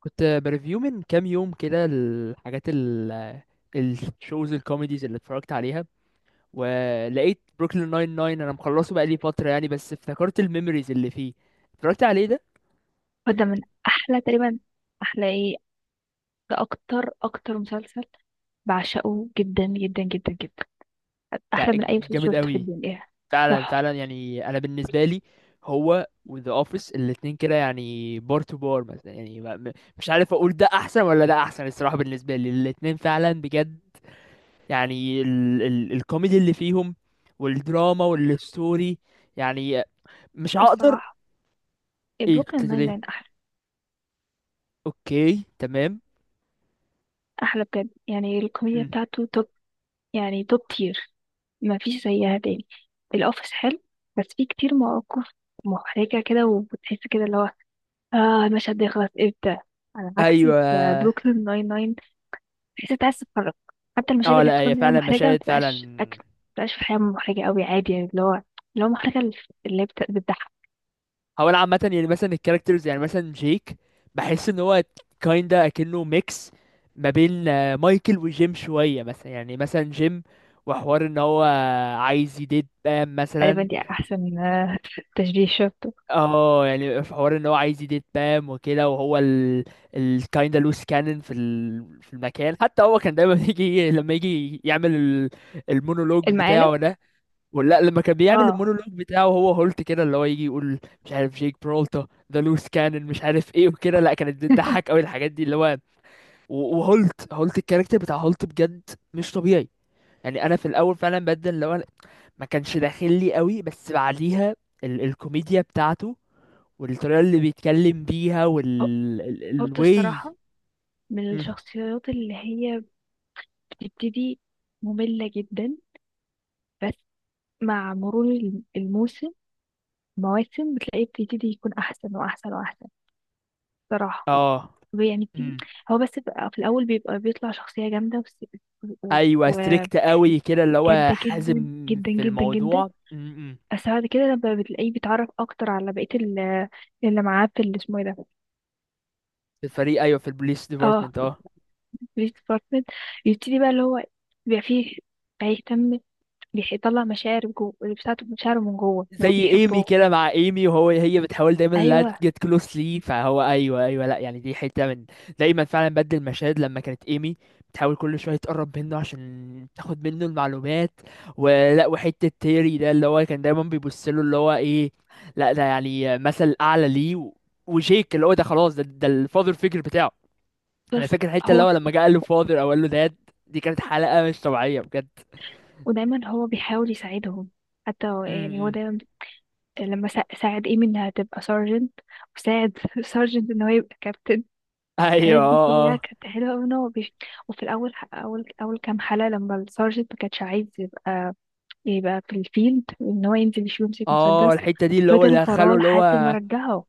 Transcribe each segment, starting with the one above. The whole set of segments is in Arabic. كنت بريفيو من كام يوم كده الحاجات الشوز الكوميديز اللي اتفرجت عليها، ولقيت بروكلين ناين ناين. انا مخلصه بقالي فترة يعني، بس افتكرت الميموريز اللي فيه. اتفرجت عليه ده. وده من احلى تقريبا، احلى ايه، ده اكتر مسلسل بعشقه جدا جدا جدا جدا، بتاع احلى من اي مسلسل جامد شفته في قوي. الدنيا، فعلا تحفه. فعلا، يعني انا بالنسبة لي هو وذا اوفيس الاتنين كده يعني بار تو بار مثلا. يعني مش عارف اقول ده احسن ولا ده احسن الصراحة. بالنسبة لي الاتنين فعلا بجد، يعني ال الكوميدي اللي فيهم والدراما والستوري. يعني مش هقدر. الصراحه ايه قلت بروكلين له ناين ليه. ناين احلى اوكي، تمام. احلى بجد، يعني الكوميديا مم. بتاعته توب، يعني توب تير، ما فيش زيها تاني. الاوفيس حلو بس فيه كتير مواقف محرجه كده، وبتحس كده اللي هو اه المشهد ده يخلص امتى، على عكس ايوه. بروكلين ناين ناين، بحيث انت عايز تتفرج حتى المشاهد اه اللي لا، هي بتكون هي فعلا محرجة ما مشاهد فعلا. تبقاش أكل ما تبقاش في الحياة محرجة قوي عادي، يعني اللي هو محرجة اللي بتضحك. هو انا عامه يعني مثلا الكاركترز، يعني مثلا جيك، بحس ان هو كايندا اكنه ميكس ما بين آه، مايكل وجيم شويه. مثلا يعني مثلا جيم، وحوار ان هو عايز يديت بام تقريبا مثلا. دي أحسن تشبيه شفته. اه يعني في حوار ان هو عايز يديت بام وكده، وهو الكايندا لوس كانن في المكان. حتى هو كان دايما يجي لما يجي يعمل المونولوج المقالب. بتاعه ده. ولا لما كان بيعمل اه. المونولوج بتاعه، هو هولت كده اللي هو يجي يقول مش عارف جيك برولتا ذا لوس كانن مش عارف ايه وكده. لا، كانت بتضحك قوي الحاجات دي اللي هو وهولت الكاركتر بتاع هولت بجد مش طبيعي. يعني انا في الاول فعلا بدل اللي هو ما كانش داخل لي قوي، بس بعديها الكوميديا بتاعته والطريقة اللي بيتكلم بيها وال قلت الواي. الصراحة، من مم. الشخصيات اللي هي بتبتدي مملة جدا، بس مع مرور الموسم مواسم، بتلاقيه بيبتدي يكون أحسن وأحسن وأحسن، صراحة، اه. يعني مم. هو بس بقى في الأول بيبقى بيطلع شخصية جامدة، ايوه، ستريكت قوي كده اللي هو جادة حازم جدا جدا في جدا جدا. الموضوع. مم. مم. بس بعد كده لما بتلاقيه بيتعرف اكتر على بقية اللي معاه في اللي اسمه ايه ده، في الفريق، ايوه، في البوليس اه، ديبارتمنت. اه. بوليس ديبارتمنت. يبتدي بقى اللي هو بيبقى فيه بيهتم، يطلع مشاعر جوه اللي بتاعته، مشاعره من جوه ان هو زي ايمي بيحبهم. كده، مع ايمي وهو، هي بتحاول دايما لا ايوه تجيت كلوز لي، فهو ايوه ايوه. لا يعني دي حته من دايما فعلا بدل المشاهد لما كانت ايمي بتحاول كل شويه تقرب منه عشان تاخد منه المعلومات. ولا وحته تيري ده اللي هو كان دايما بيبص له اللي هو ايه، لا ده يعني مثل اعلى ليه. وجيك اللي هو ده خلاص، ده ده الفاذر فيجر بتاعه. انا بس فاكر الحته اللي هو، هو لما جه قال له فاذر او قال له داد. دي كانت حلقه مش طبيعيه بجد. ودايما هو بيحاول يساعدهم، حتى م- يعني هو م. دايما لما ساعد ايمي انها تبقى سارجنت، وساعد سارجنت ان هو يبقى كابتن. ايوه، الحاجات دي اه كلها اه. كانت حلوة أوي إن هو بيش... وفي الأول أول أول كام حلقة لما السارجنت ما كانش عايز يبقى في الفيلد إن هو ينزل يشوف يمسك اه مسدس. الحته دي اللي هو فضل وراه دخله اللي لحد ما هو. رجعه.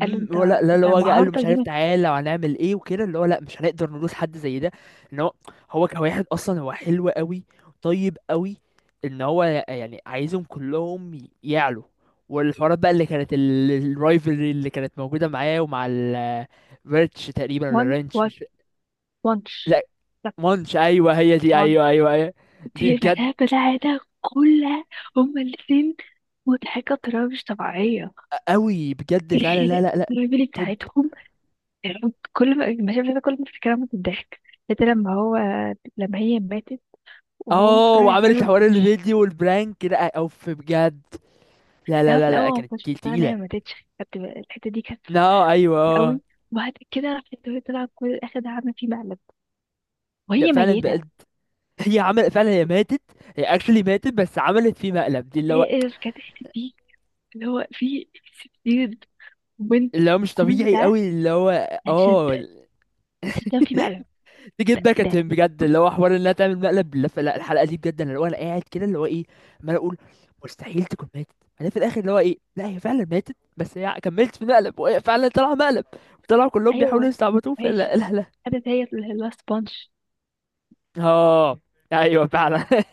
قال له أنت هو لا لا اللي أنت هو جه قال له مهارتك مش دي عارف ما، تعالى وهنعمل ايه وكده، اللي هو لا مش هنقدر ندوس حد زي ده. ان هو، هو كواحد اصلا هو حلو قوي، طيب قوي. ان هو يعني عايزهم كلهم يعلوا. والحوارات بقى اللي كانت الرايفلري اللي كانت موجوده معاه ومع ال فيرتش تقريبا، ولا وان رانش، وان مش. وانش، لا، طب مانش، ايوه هي دي، ايوه وانش، ايوه ايوه. دي دي بجد بلاها بتاعتها كلها، هما الاتنين مضحكة بطريقة مش طبيعية. قوي بجد فعلا. لا الخناقة، لا لا. الرجل توب. بتاعتهم، كل ما المشاهد كل ما افتكرها من الضحك. حتى لما هو، لما هي ماتت وهو اه، مقتنع ان هي وعملت ما حوار ماتتش. الفيديو والبرانك، لا اوف بجد. لا لا لا في لا الاول لا، هو ما كانت كنتش كيل مقتنع ان تقيلة. هي ما ماتتش، كانت الحته دي كانت لا، ايوه، خطيرة اه. قوي. وبعد كده راحت وهي، طلع كل اخد عامله فيه مقلب لا وهي فعلا ميته. بقت. هي عمل فعلا هي ماتت. هي اكشلي ماتت، بس عملت فيه مقلب دي اللي هو. هي كانت الحته دي اللي هو في ستين بنت، اللي هو مش كل طبيعي ده قوي اللي هو. عشان، اه، عشان تعمل فيه مقلب. تجيب باك ات ده. هيم بجد، اللي هو حوار انها تعمل مقلب. لا لا، الحلقة دي بجد، انا اللي هو انا قاعد كده اللي هو ايه عمال اقول مستحيل تكون ماتت. انا في الاخر اللي هو ايه، لا هي فعلا ماتت، بس هي كملت في مقلب، وهي فعلا طلع مقلب. طلعوا كلهم بيحاولوا ايوه. يستعبطوه، وهي ش- فلا لا لا. خدت هي اللي هو سبونج. اه ايوه فعلا.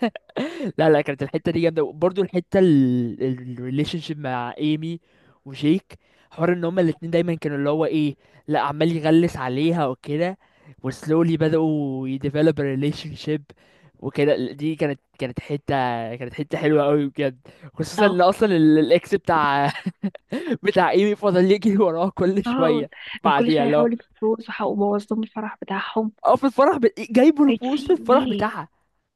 لا لا، كانت الحته دي جامده. برضو الحته الريليشن شيب مع ايمي وجيك، حوار ان هما الاتنين دايما كانوا اللي هو ايه، لا عمال يغلس عليها وكده، وسلولي بدأوا يديفلوب ريليشن شيب وكده. دي كانت كانت حته حلوه قوي بجد. خصوصا ان اه. اصلا الاكس بتاع بتاع ايمي فضل يجري وراها كل اه. شويه. وكل بعديها شويه اللي هو يحاولوا يتجوزوا وبوظ لهم الفرح بتاعهم. اه في الفرح ب... جايبه طيب في البوس في الفرح ايه. بتاعها.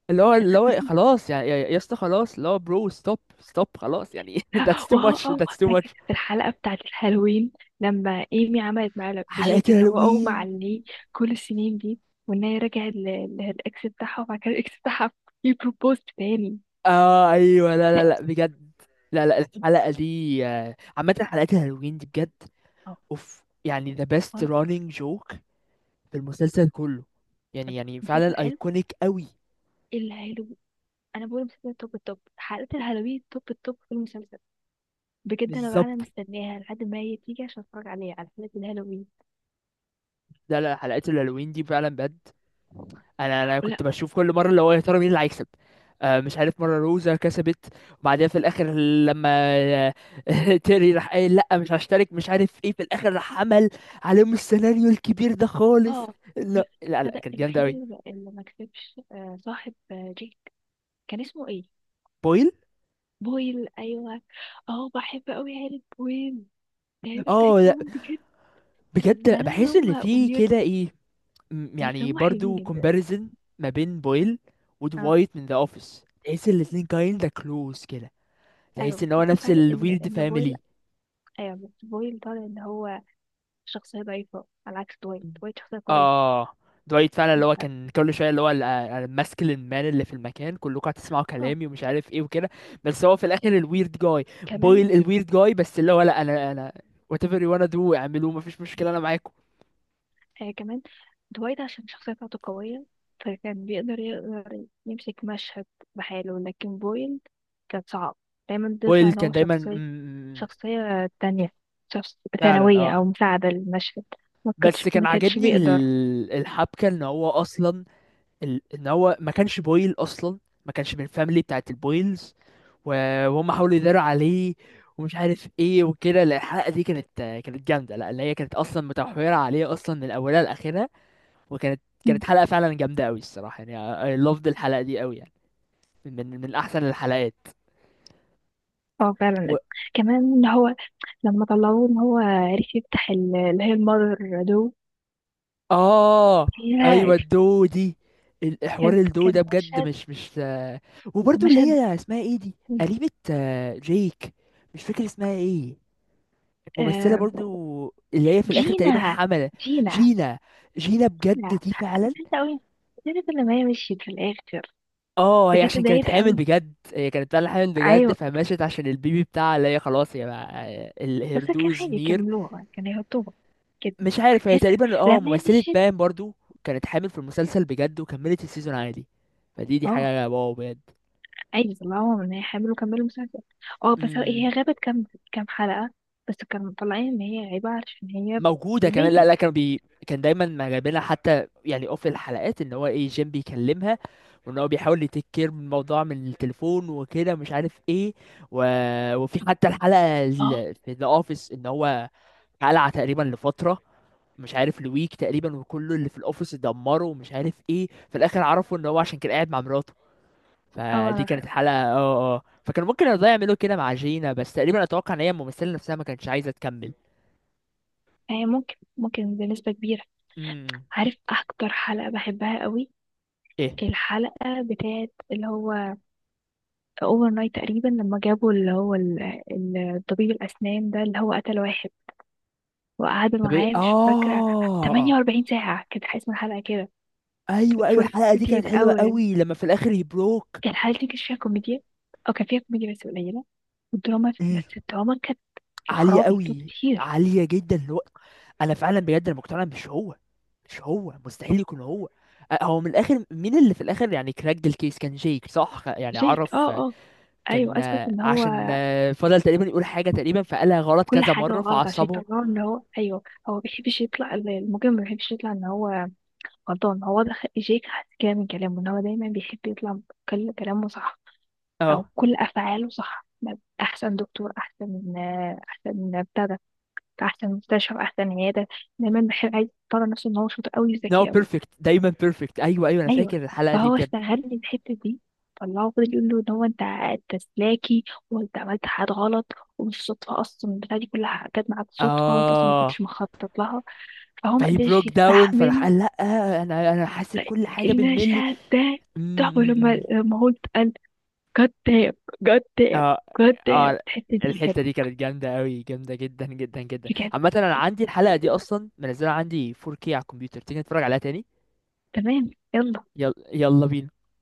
اللي هو اللي هو خلاص يعني يا يا اسطى خلاص، اللي هو برو ستوب ستوب، خلاص يعني. that's too much, واه اه that's too much. فاكر في الحلقة بتاعة الهالوين لما ايمي عملت معاه حلقة لبتجيك ان هو اغمى الهالوين. عليه كل السنين دي، وان هي رجعت للاكس بتاعها، وبعد كده الاكس بتاعها يبروبوز تاني. اه ايوه، لا لا لا بجد. لا لا الحلقة دي آه، عامة حلقات الهالوين دي بجد اه اوف. يعني the اه. best لا running joke في المسلسل كله، يعني يعني مسلسل فعلا حلو، ايكونيك قوي. الهالو، انا بقول مسلسل توب التوب، حلقة الهالوين توب التوب في المسلسل بجد. انا بقى انا بالظبط. مستناها لحد ما هي تيجي عشان اتفرج عليها، على حلقة الهالوين. لا لا، حلقات الهالوين دي فعلا بجد. انا انا ولا. كنت بشوف كل مره اللي هو يا ترى مين اللي هيكسب. آه مش عارف، مره روزا كسبت، وبعديها في الاخر لما آه، تيري راح قايل لا مش هشترك مش عارف ايه، في الاخر راح عمل عليهم السيناريو الكبير ده خالص. اه. لا لا لا لا تصدق كانت جامده الوحيد قوي. اللي ما، اللي ما كسبش، آه، صاحب جيك، كان اسمه ايه، بويل. بويل. ايوه. اه بحب قوي عيلة بويل، العيلة اه لا، بتاعتهم بجد طلع بجد لهم ان بحس ان هم في ويرد، كده ايه، بس يعني هم حلوين برضو جدا. كومباريزن ما بين بويل اه ودوايت من ذا اوفيس، تحس الاتنين كايندا كلوز كده، ايوه تحس ان هو بس في نفس فرق ان الويرد ان بويل، فاميلي. ايوه بس بويل طالع ان هو شخصية ضعيفة على عكس دوايت، دوايت شخصية قوية. اه، دوايت فعلا اللي هو يبقى كان كل شويه اللي هو الماسكلين مان اللي في المكان، كلكم هتسمعوا اه كلامي ومش عارف ايه وكده. بس هو في الاخر الويرد جاي. كمان، بويل الويرد جاي، بس اللي هو لا انا انا whatever you wanna do اعملوه، مفيش مشكله انا معاكم. آه كمان دوايت عشان الشخصية بتاعته قوية، فكان بيقدر يقدر يمسك مشهد بحاله، لكن بويل كان صعب، دايما بيطلع بويل ان كان هو دايما شخصية شخصية تانية، شخص فعلا ثانوية أو اه. مساعدة للمشهد، ما بس كانتش كان ما كانتش عاجبني بيقدر. الحبكه ان هو اصلا ان هو ما كانش بويل اصلا، ما كانش من الفاميلي بتاعت البويلز، وهم حاولوا يداروا عليه ومش عارف ايه وكده. لا الحلقه دي كانت كانت جامده، لا اللي هي كانت اصلا متمحوره عليه اصلا من اولها لاخرها. وكانت مم. كانت حلقه فعلا جامده قوي الصراحه، يعني I loved الحلقه دي قوي يعني. من احسن الحلقات. اه و... فعلا. كمان إن هو لما طلعوه ان هو عرف يفتح اللي هي المادر دو اه فيها، ايوه الدو دي. الحوار كان الدو ده كان بجد مشهد مش مش آه،. وبرضه اللي مشهد هي اسمها ايه دي، قريبة آه، جيك، مش فاكر اسمها ايه، ممثلة آه، برضو، اللي هي في الآخر تقريبا جينا، حملة. جينا. جينا. جينا بجد لا دي فعلا. انت قوي، عرفت لما هي مشيت في الاخر. اه، هي بجد عشان كانت اتضايقت حامل قوي. بجد، هي كانت فعلا حامل بجد، ايوه فمشت عشان البيبي بتاعها اللي هي خلاص يا بقى. بس كان الهردوز عادي نير. يكملوها، كان يحطوها كده. مش عارف هي تحس تقريبا اه لما هي ممثلة مشيت. بام برضو، كانت حامل في المسلسل بجد وكملت السيزون عادي. فدي دي اه حاجة واو بجد. عادي طلعوها من هي حامل وكملوا مسلسل. اه بس امم. هي غابت كام حلقة. بس كانوا مطلعين ان هي غايبة عشان هي موجوده كمان. لا بيبي. لا كانوا بي، كان دايما ما جايبينها، حتى يعني اوف الحلقات ان هو ايه جيم بيكلمها وان هو بيحاول يتيك كير من الموضوع من التليفون وكده مش عارف ايه و... وفي حتى الحلقه اه في ذا اوفيس ان هو قلع تقريبا لفتره، مش عارف لويك تقريبا، وكله اللي في الاوفيس اتدمروا ومش عارف ايه، في الاخر عرفوا ان هو عشان كان قاعد مع مراته. اه. فدي كانت حلقه اه اه آه. فكان ممكن يرضى يعملوا كده مع جينا، بس تقريبا اتوقع ان هي الممثله نفسها ما كانتش عايزه تكمل. هي ممكن بنسبة كبيرة. امم. عارف اكتر حلقة بحبها قوي؟ ايه. الحلقة بتاعت اللي هو اوفر نايت تقريبا، لما جابوا اللي هو طبيب الاسنان ده اللي هو قتل واحد، وقعدوا طب ايه، معاه، مش فاكرة، اه. 48 ساعة كانت اسم الحلقة كده، ايوه ايوه، الحلقه دي كانت 48 حلوه hours. قوي لما في الاخر يبروك. الحلقة دي كانت فيها كوميديا، او كان فيها كوميديا بس قليلة، والدراما، بس مم. الدراما كانت، يا عاليه خرابي دول قوي. كتير. عاليه جدا اللي هو. انا فعلا بجد انا مقتنع إن مش هو، مش هو، مستحيل يكون هو. أه، هو من الاخر، مين اللي في الاخر يعني كراك الكيس؟ كان جيك صح، يعني جاك عرف اه آه،. اه كان ايوه، اثبت آه، ان هو عشان آه، فضل تقريبا يقول حاجه تقريبا فقالها غلط كل كذا حاجه مره غلط عشان فعصبه. يطلعه ان هو ايوه. هو ما بيحبش يطلع المجرم، ما بيحبش يطلع ان هو غلطان. هو ده جاك حس كده من كلامه ان هو دايما بيحب يطلع كل كلامه صح او اه. كل افعاله صح، احسن دكتور احسن احسن بتاع ده، احسن مستشفى احسن عياده، دايما بيحب عايز يطلع نفسه ان هو شاطر قوي نو وذكي قوي. بيرفكت، دايما بيرفكت. ايوه ايوه، انا ايوه. فاكر الحلقه دي فهو بجد. استغل الحته دي، طلعه فضل يقول له ان هو انت انت سلاكي وانت عملت حاجات غلط، ومش صدفه اصلا البتاعه دي كلها جت معاك صدفه، وانت اصلا ما اه. كنتش مخطط لها، فهو ما فهي بروك قدرش داون، فراح يستحمل. قال لا انا انا حاسب كل حاجه بالملي. أم- المشهد ده تحفه، أم- لما أم. لما هو اتقال جاد دام، جاد دام، اه جاد دام، اه. الحته دي كانت الحته دي كانت جامده قوي، جامده جدا جدا جدا. بجد. عامه انا عندي الحلقه دي اصلا، منزلها عندي 4K على الكمبيوتر. تيجي نتفرج عليها تاني؟ تمام يلا. يلا يلا بينا.